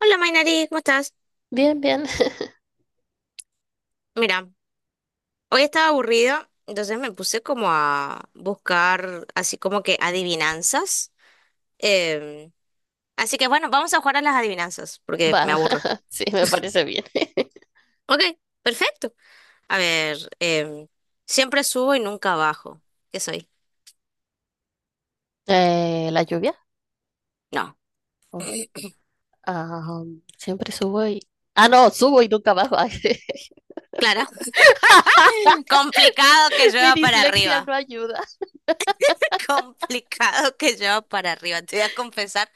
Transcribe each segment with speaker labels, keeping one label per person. Speaker 1: Hola Mainari, ¿cómo estás?
Speaker 2: Bien, bien.
Speaker 1: Mira, hoy estaba aburrida, entonces me puse como a buscar así como que adivinanzas. Em, así que bueno, vamos a jugar a las adivinanzas, porque
Speaker 2: Va,
Speaker 1: me aburro.
Speaker 2: sí, me parece bien.
Speaker 1: Ok, perfecto. A ver, siempre subo y nunca bajo. ¿Qué soy?
Speaker 2: La lluvia.
Speaker 1: No,
Speaker 2: Oh, ah, siempre subo y... Ah, no, subo y nunca bajo. Ay,
Speaker 1: claro. Complicado que
Speaker 2: mi
Speaker 1: llueva para
Speaker 2: dislexia
Speaker 1: arriba.
Speaker 2: no ayuda.
Speaker 1: Complicado que llueva para arriba. Te voy a confesar,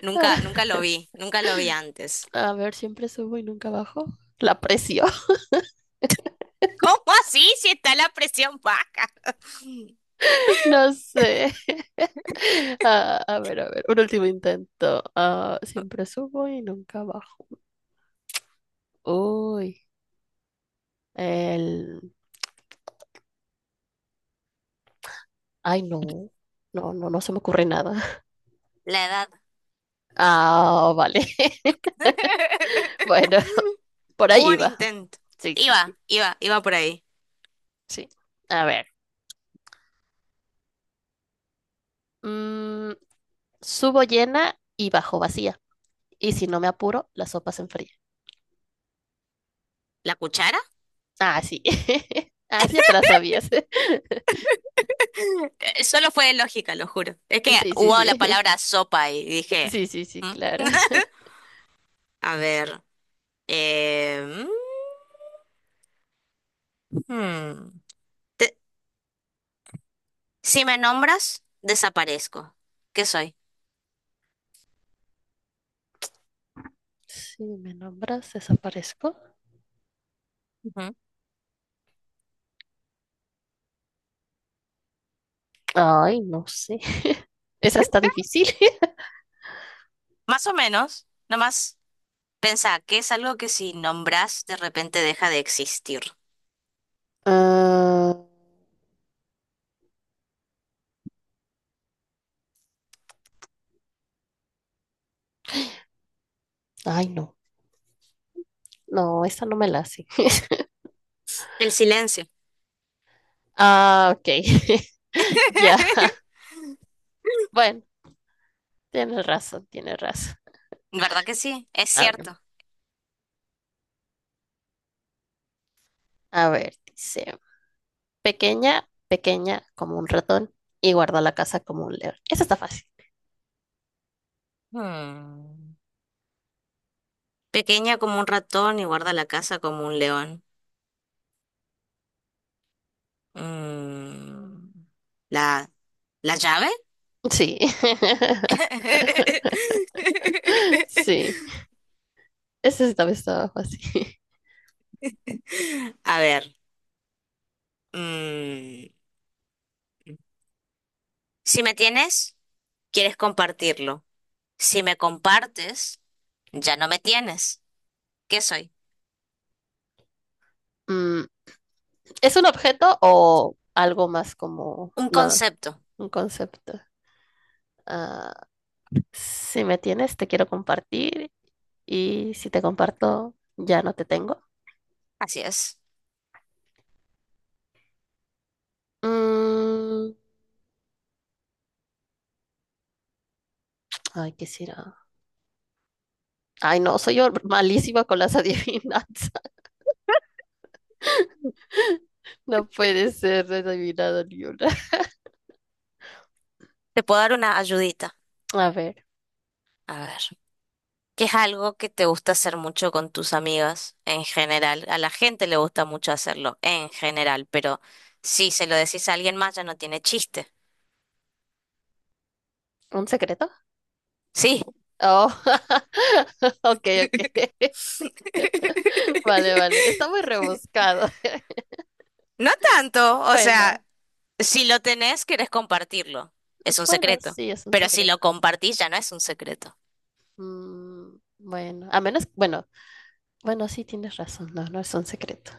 Speaker 1: nunca, nunca lo vi, nunca lo vi antes.
Speaker 2: A ver, siempre subo y nunca bajo. La presión,
Speaker 1: ¿Cómo así si está la presión baja?
Speaker 2: no sé. Ah, a ver, un último intento. Ah, siempre subo y nunca bajo. Uy, el... Ay, no. No, no se me ocurre nada.
Speaker 1: La edad.
Speaker 2: Ah, vale. Bueno, por
Speaker 1: Hubo
Speaker 2: ahí
Speaker 1: un
Speaker 2: va.
Speaker 1: intento.
Speaker 2: Sí, sí,
Speaker 1: Iba,
Speaker 2: sí,
Speaker 1: iba, iba por ahí.
Speaker 2: sí. A ver, mm, subo llena y bajo vacía. Y si no me apuro, la sopa se enfría.
Speaker 1: ¿La cuchara?
Speaker 2: Ah, sí. Ah, sí, ya te la sabías.
Speaker 1: Solo fue lógica, lo juro. Es que
Speaker 2: Sí, sí,
Speaker 1: hubo la
Speaker 2: sí.
Speaker 1: palabra sopa y dije,
Speaker 2: Sí, sí, sí,
Speaker 1: ¿Mm?
Speaker 2: claro.
Speaker 1: A ver. eh, mm, hmm. te- si me nombras, desaparezco. ¿Qué soy?
Speaker 2: Si me nombras, desaparezco.
Speaker 1: Ujú.
Speaker 2: Ay, no sé. Esa está difícil.
Speaker 1: Más o menos, nomás pensá que es algo que si nombras, de repente deja de existir.
Speaker 2: Ah, ay, no. No, esa no me la hace.
Speaker 1: El silencio.
Speaker 2: Ah, ok. Ya. Bueno, tienes razón, tienes razón.
Speaker 1: ¿Verdad que sí? Es
Speaker 2: A ver,
Speaker 1: cierto.
Speaker 2: a ver, dice. Pequeña, pequeña como un ratón y guarda la casa como un león. Esa está fácil.
Speaker 1: Hmm. Pequeña como un ratón y guarda la casa como un león. Mm, ¿la, la llave?
Speaker 2: Sí. Sí. Esa sí también estaba fácil.
Speaker 1: A ver, mm, si me tienes, quieres compartirlo. Si me compartes, ya no me tienes. ¿Qué soy?
Speaker 2: Mm, ¿es un objeto o algo más como,
Speaker 1: Un
Speaker 2: no,
Speaker 1: concepto.
Speaker 2: un concepto? Ah, si me tienes, te quiero compartir y si te comparto, ya no te tengo.
Speaker 1: Así es.
Speaker 2: Mm, ay, ¿qué será? Ay, no, soy malísima con las adivinanzas. No puede ser adivinado ni una.
Speaker 1: Te puedo dar una ayudita.
Speaker 2: A ver,
Speaker 1: A ver. Que es algo que te gusta hacer mucho con tus amigas en general. A la gente le gusta mucho hacerlo en general, pero si se lo decís a alguien más ya no tiene chiste.
Speaker 2: ¿un secreto?
Speaker 1: Sí.
Speaker 2: Oh, ok, ok. Vale, vale. Está muy rebuscado.
Speaker 1: No tanto, o
Speaker 2: Bueno,
Speaker 1: sea, si lo tenés, querés compartirlo. Es un
Speaker 2: bueno,
Speaker 1: secreto.
Speaker 2: sí, es un
Speaker 1: Pero si
Speaker 2: secreto.
Speaker 1: lo compartís, ya no es un secreto.
Speaker 2: Mm, bueno, a menos, bueno, bueno, sí tienes razón, no, no es un secreto.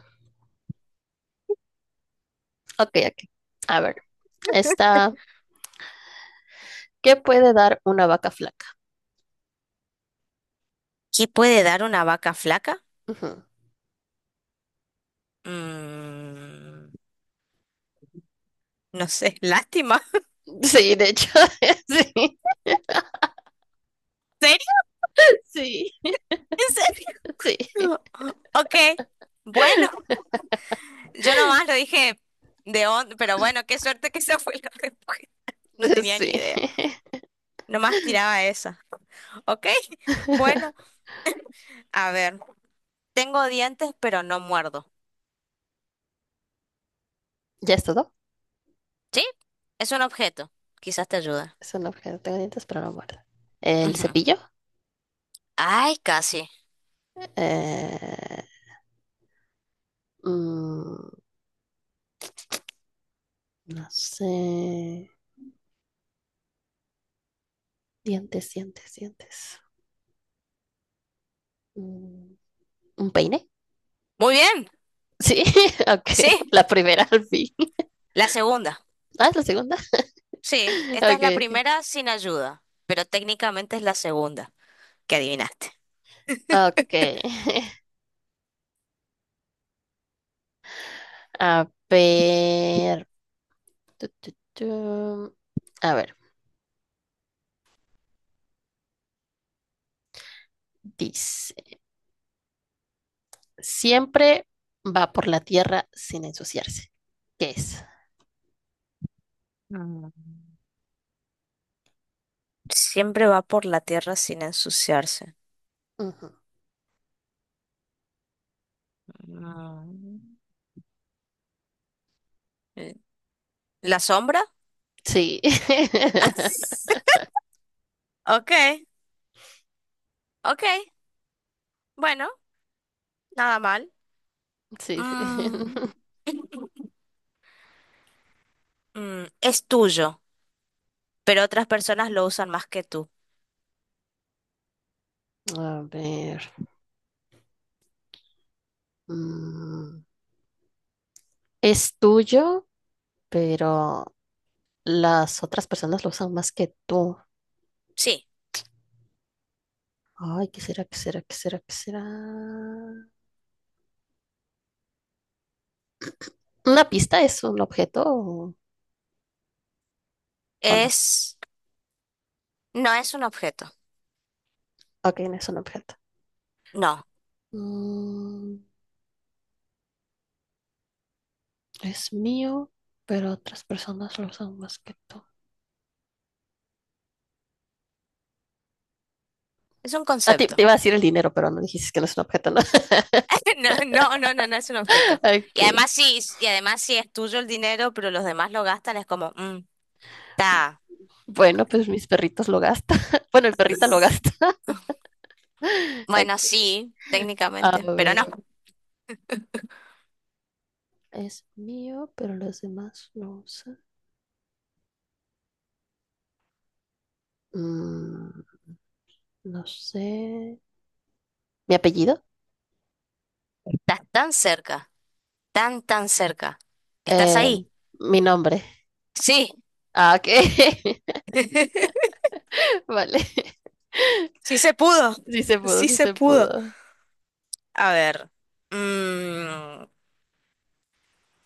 Speaker 2: Ok, ok. A ver, está, ¿qué puede dar una vaca flaca?
Speaker 1: ¿Qué puede dar una vaca flaca?
Speaker 2: Ujú.
Speaker 1: Mm, no sé, lástima.
Speaker 2: Sí, de hecho,
Speaker 1: ¿En serio?
Speaker 2: sí, sí,
Speaker 1: ¿En
Speaker 2: sí,
Speaker 1: serio? Ok, bueno. Yo nomás lo dije de onda, pero bueno, qué suerte que esa fue la respuesta. No tenía
Speaker 2: sí.
Speaker 1: ni idea. Nomás tiraba esa. Ok, bueno, a ver. Tengo dientes, pero no muerdo.
Speaker 2: ¿Ya es todo?
Speaker 1: ¿Sí? Es un objeto. Quizás te ayude.
Speaker 2: Es un objeto, tengo dientes, pero no muerde. ¿El
Speaker 1: Ujú.
Speaker 2: cepillo?
Speaker 1: Ay, casi.
Speaker 2: Eh, mm, No sé. Dientes, dientes, dientes. Mm, ¿Un peine?
Speaker 1: Muy bien.
Speaker 2: Sí, ok.
Speaker 1: Sí,
Speaker 2: La primera al fin.
Speaker 1: la segunda.
Speaker 2: Ah, es la segunda.
Speaker 1: Sí, esta es
Speaker 2: Ok,
Speaker 1: la
Speaker 2: ok.
Speaker 1: primera sin ayuda, pero técnicamente es la segunda que adivinaste.
Speaker 2: Ok. A ver. Tu, tu, tu. A ver, dice. Siempre va por la tierra sin ensuciarse. ¿Qué es?
Speaker 1: Mm. Siempre va por la tierra sin ensuciarse.
Speaker 2: Ujú.
Speaker 1: Mm. Eh, ¿la sombra?
Speaker 2: Sí.
Speaker 1: Ok, ok, bueno, nada mal.
Speaker 2: Sí, sí.
Speaker 1: Mm, es tuyo, pero otras personas lo usan más que tú.
Speaker 2: A ver. mm, Es tuyo, pero las otras personas lo usan más que tú.
Speaker 1: Sí,
Speaker 2: Ay, ¿qué será? ¿Qué será? ¿Qué será? ¿Qué será? ¿Una pista es un objeto o no?
Speaker 1: es... No es un objeto,
Speaker 2: Ok, no es un objeto.
Speaker 1: no,
Speaker 2: Mm, es mío, pero otras personas lo usan más que tú.
Speaker 1: es un
Speaker 2: Ah, te
Speaker 1: concepto.
Speaker 2: iba a decir el dinero, pero no dijiste que no es un objeto, ¿no?
Speaker 1: No, no, no, no, no es un objeto.
Speaker 2: Ok.
Speaker 1: Y además sí es tuyo el dinero, pero los demás lo gastan, es como, está,
Speaker 2: Bueno, pues mis perritos lo gastan. Bueno, mi perrita lo gasta.
Speaker 1: bueno,
Speaker 2: Ok.
Speaker 1: sí,
Speaker 2: A
Speaker 1: técnicamente, pero no,
Speaker 2: ver, es mío, pero los demás lo usan. Mm, no sé. Mi apellido,
Speaker 1: estás tan cerca, tan, tan cerca. ¿Estás
Speaker 2: eh,
Speaker 1: ahí?
Speaker 2: mi nombre.
Speaker 1: Sí,
Speaker 2: Ah, ok. Vale.
Speaker 1: sí se pudo,
Speaker 2: Sí se pudo,
Speaker 1: sí
Speaker 2: sí
Speaker 1: se
Speaker 2: se
Speaker 1: pudo.
Speaker 2: pudo.
Speaker 1: A ver. mm,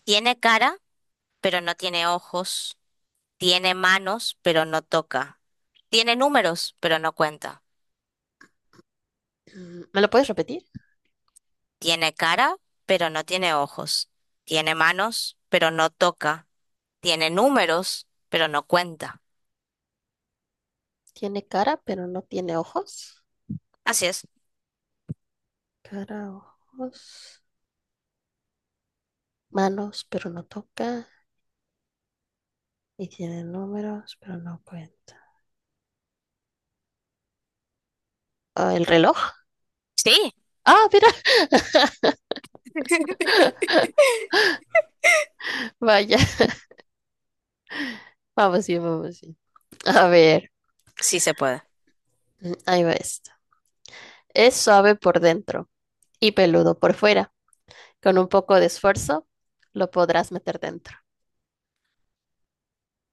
Speaker 1: tiene cara, pero no tiene ojos. Tiene manos, pero no toca. Tiene números, pero no cuenta.
Speaker 2: ¿Me lo puedes repetir?
Speaker 1: Tiene cara, pero no tiene ojos. Tiene manos, pero no toca. Tiene números, pero no cuenta.
Speaker 2: Tiene cara, pero no tiene ojos.
Speaker 1: Así es.
Speaker 2: Cara, ojos, manos, pero no toca. Y tiene números, pero no cuenta. Ah, ¿el reloj?
Speaker 1: Sí,
Speaker 2: Ah, mira, vaya. Vamos bien, vamos bien. A ver,
Speaker 1: sí se puede.
Speaker 2: ahí va esto. Es suave por dentro y peludo por fuera. Con un poco de esfuerzo, lo podrás meter dentro.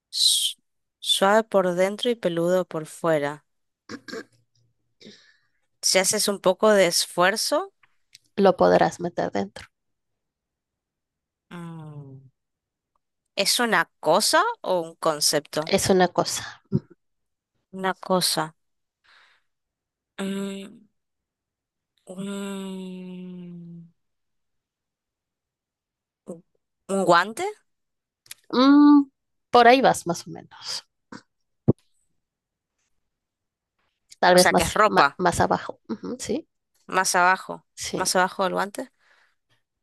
Speaker 1: Su- Suave por dentro y peludo por fuera. Si haces un poco de esfuerzo,
Speaker 2: Lo podrás meter dentro.
Speaker 1: mm, ¿es una cosa o un concepto?
Speaker 2: Es una cosa.
Speaker 1: Una cosa. Eh, Mm, un, un guante,
Speaker 2: Mm, por ahí vas más o menos. Tal
Speaker 1: o
Speaker 2: vez
Speaker 1: sea, que es
Speaker 2: más,
Speaker 1: ropa,
Speaker 2: más, abajo. Ujú, sí,
Speaker 1: más abajo, más
Speaker 2: sí.
Speaker 1: abajo del guante.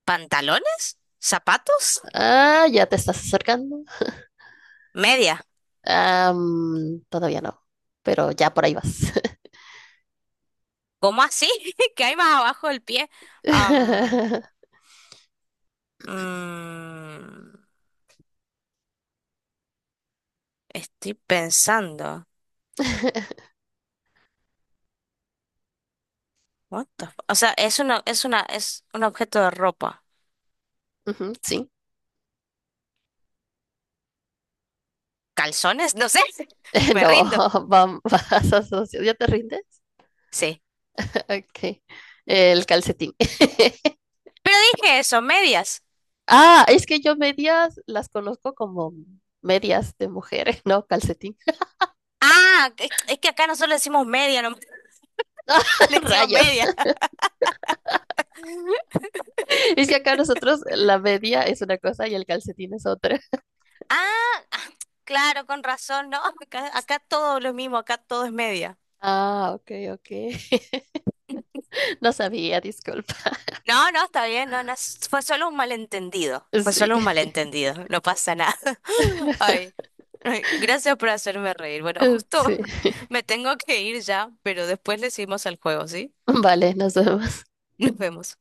Speaker 1: ¿Pantalones? ¿Zapatos?
Speaker 2: Ah, ya te estás acercando.
Speaker 1: ¿Media?
Speaker 2: Ah, todavía no, pero ya por ahí vas.
Speaker 1: ¿Cómo así? ¿Qué hay más abajo del pie? Am, mm, estoy pensando. O sea, es un objeto de ropa.
Speaker 2: Ujú, sí.
Speaker 1: ¿Calzones? No sé. Me
Speaker 2: No,
Speaker 1: rindo.
Speaker 2: ¿ya te rindes?
Speaker 1: Sí.
Speaker 2: Ok. El calcetín.
Speaker 1: Pero dije eso, medias.
Speaker 2: Ah, es que yo medias las conozco como medias de mujeres, no calcetín.
Speaker 1: Ah, es que acá nosotros le decimos media, no le decimos
Speaker 2: Rayos.
Speaker 1: media.
Speaker 2: Es que acá nosotros la media es una cosa y el calcetín es otra.
Speaker 1: Ah, ah, claro, con razón, no, acá, acá todo lo mismo, acá todo es media.
Speaker 2: Ah, ok, ok. No sabía, disculpa.
Speaker 1: No, no, está bien, no, no, fue solo un malentendido, fue
Speaker 2: Sí.
Speaker 1: solo un malentendido, no pasa nada. Ay, ay, gracias por hacerme reír. Bueno, justo
Speaker 2: Sí.
Speaker 1: me tengo que ir ya, pero después le seguimos al juego, ¿sí?
Speaker 2: Vale, nos vemos.
Speaker 1: Nos vemos.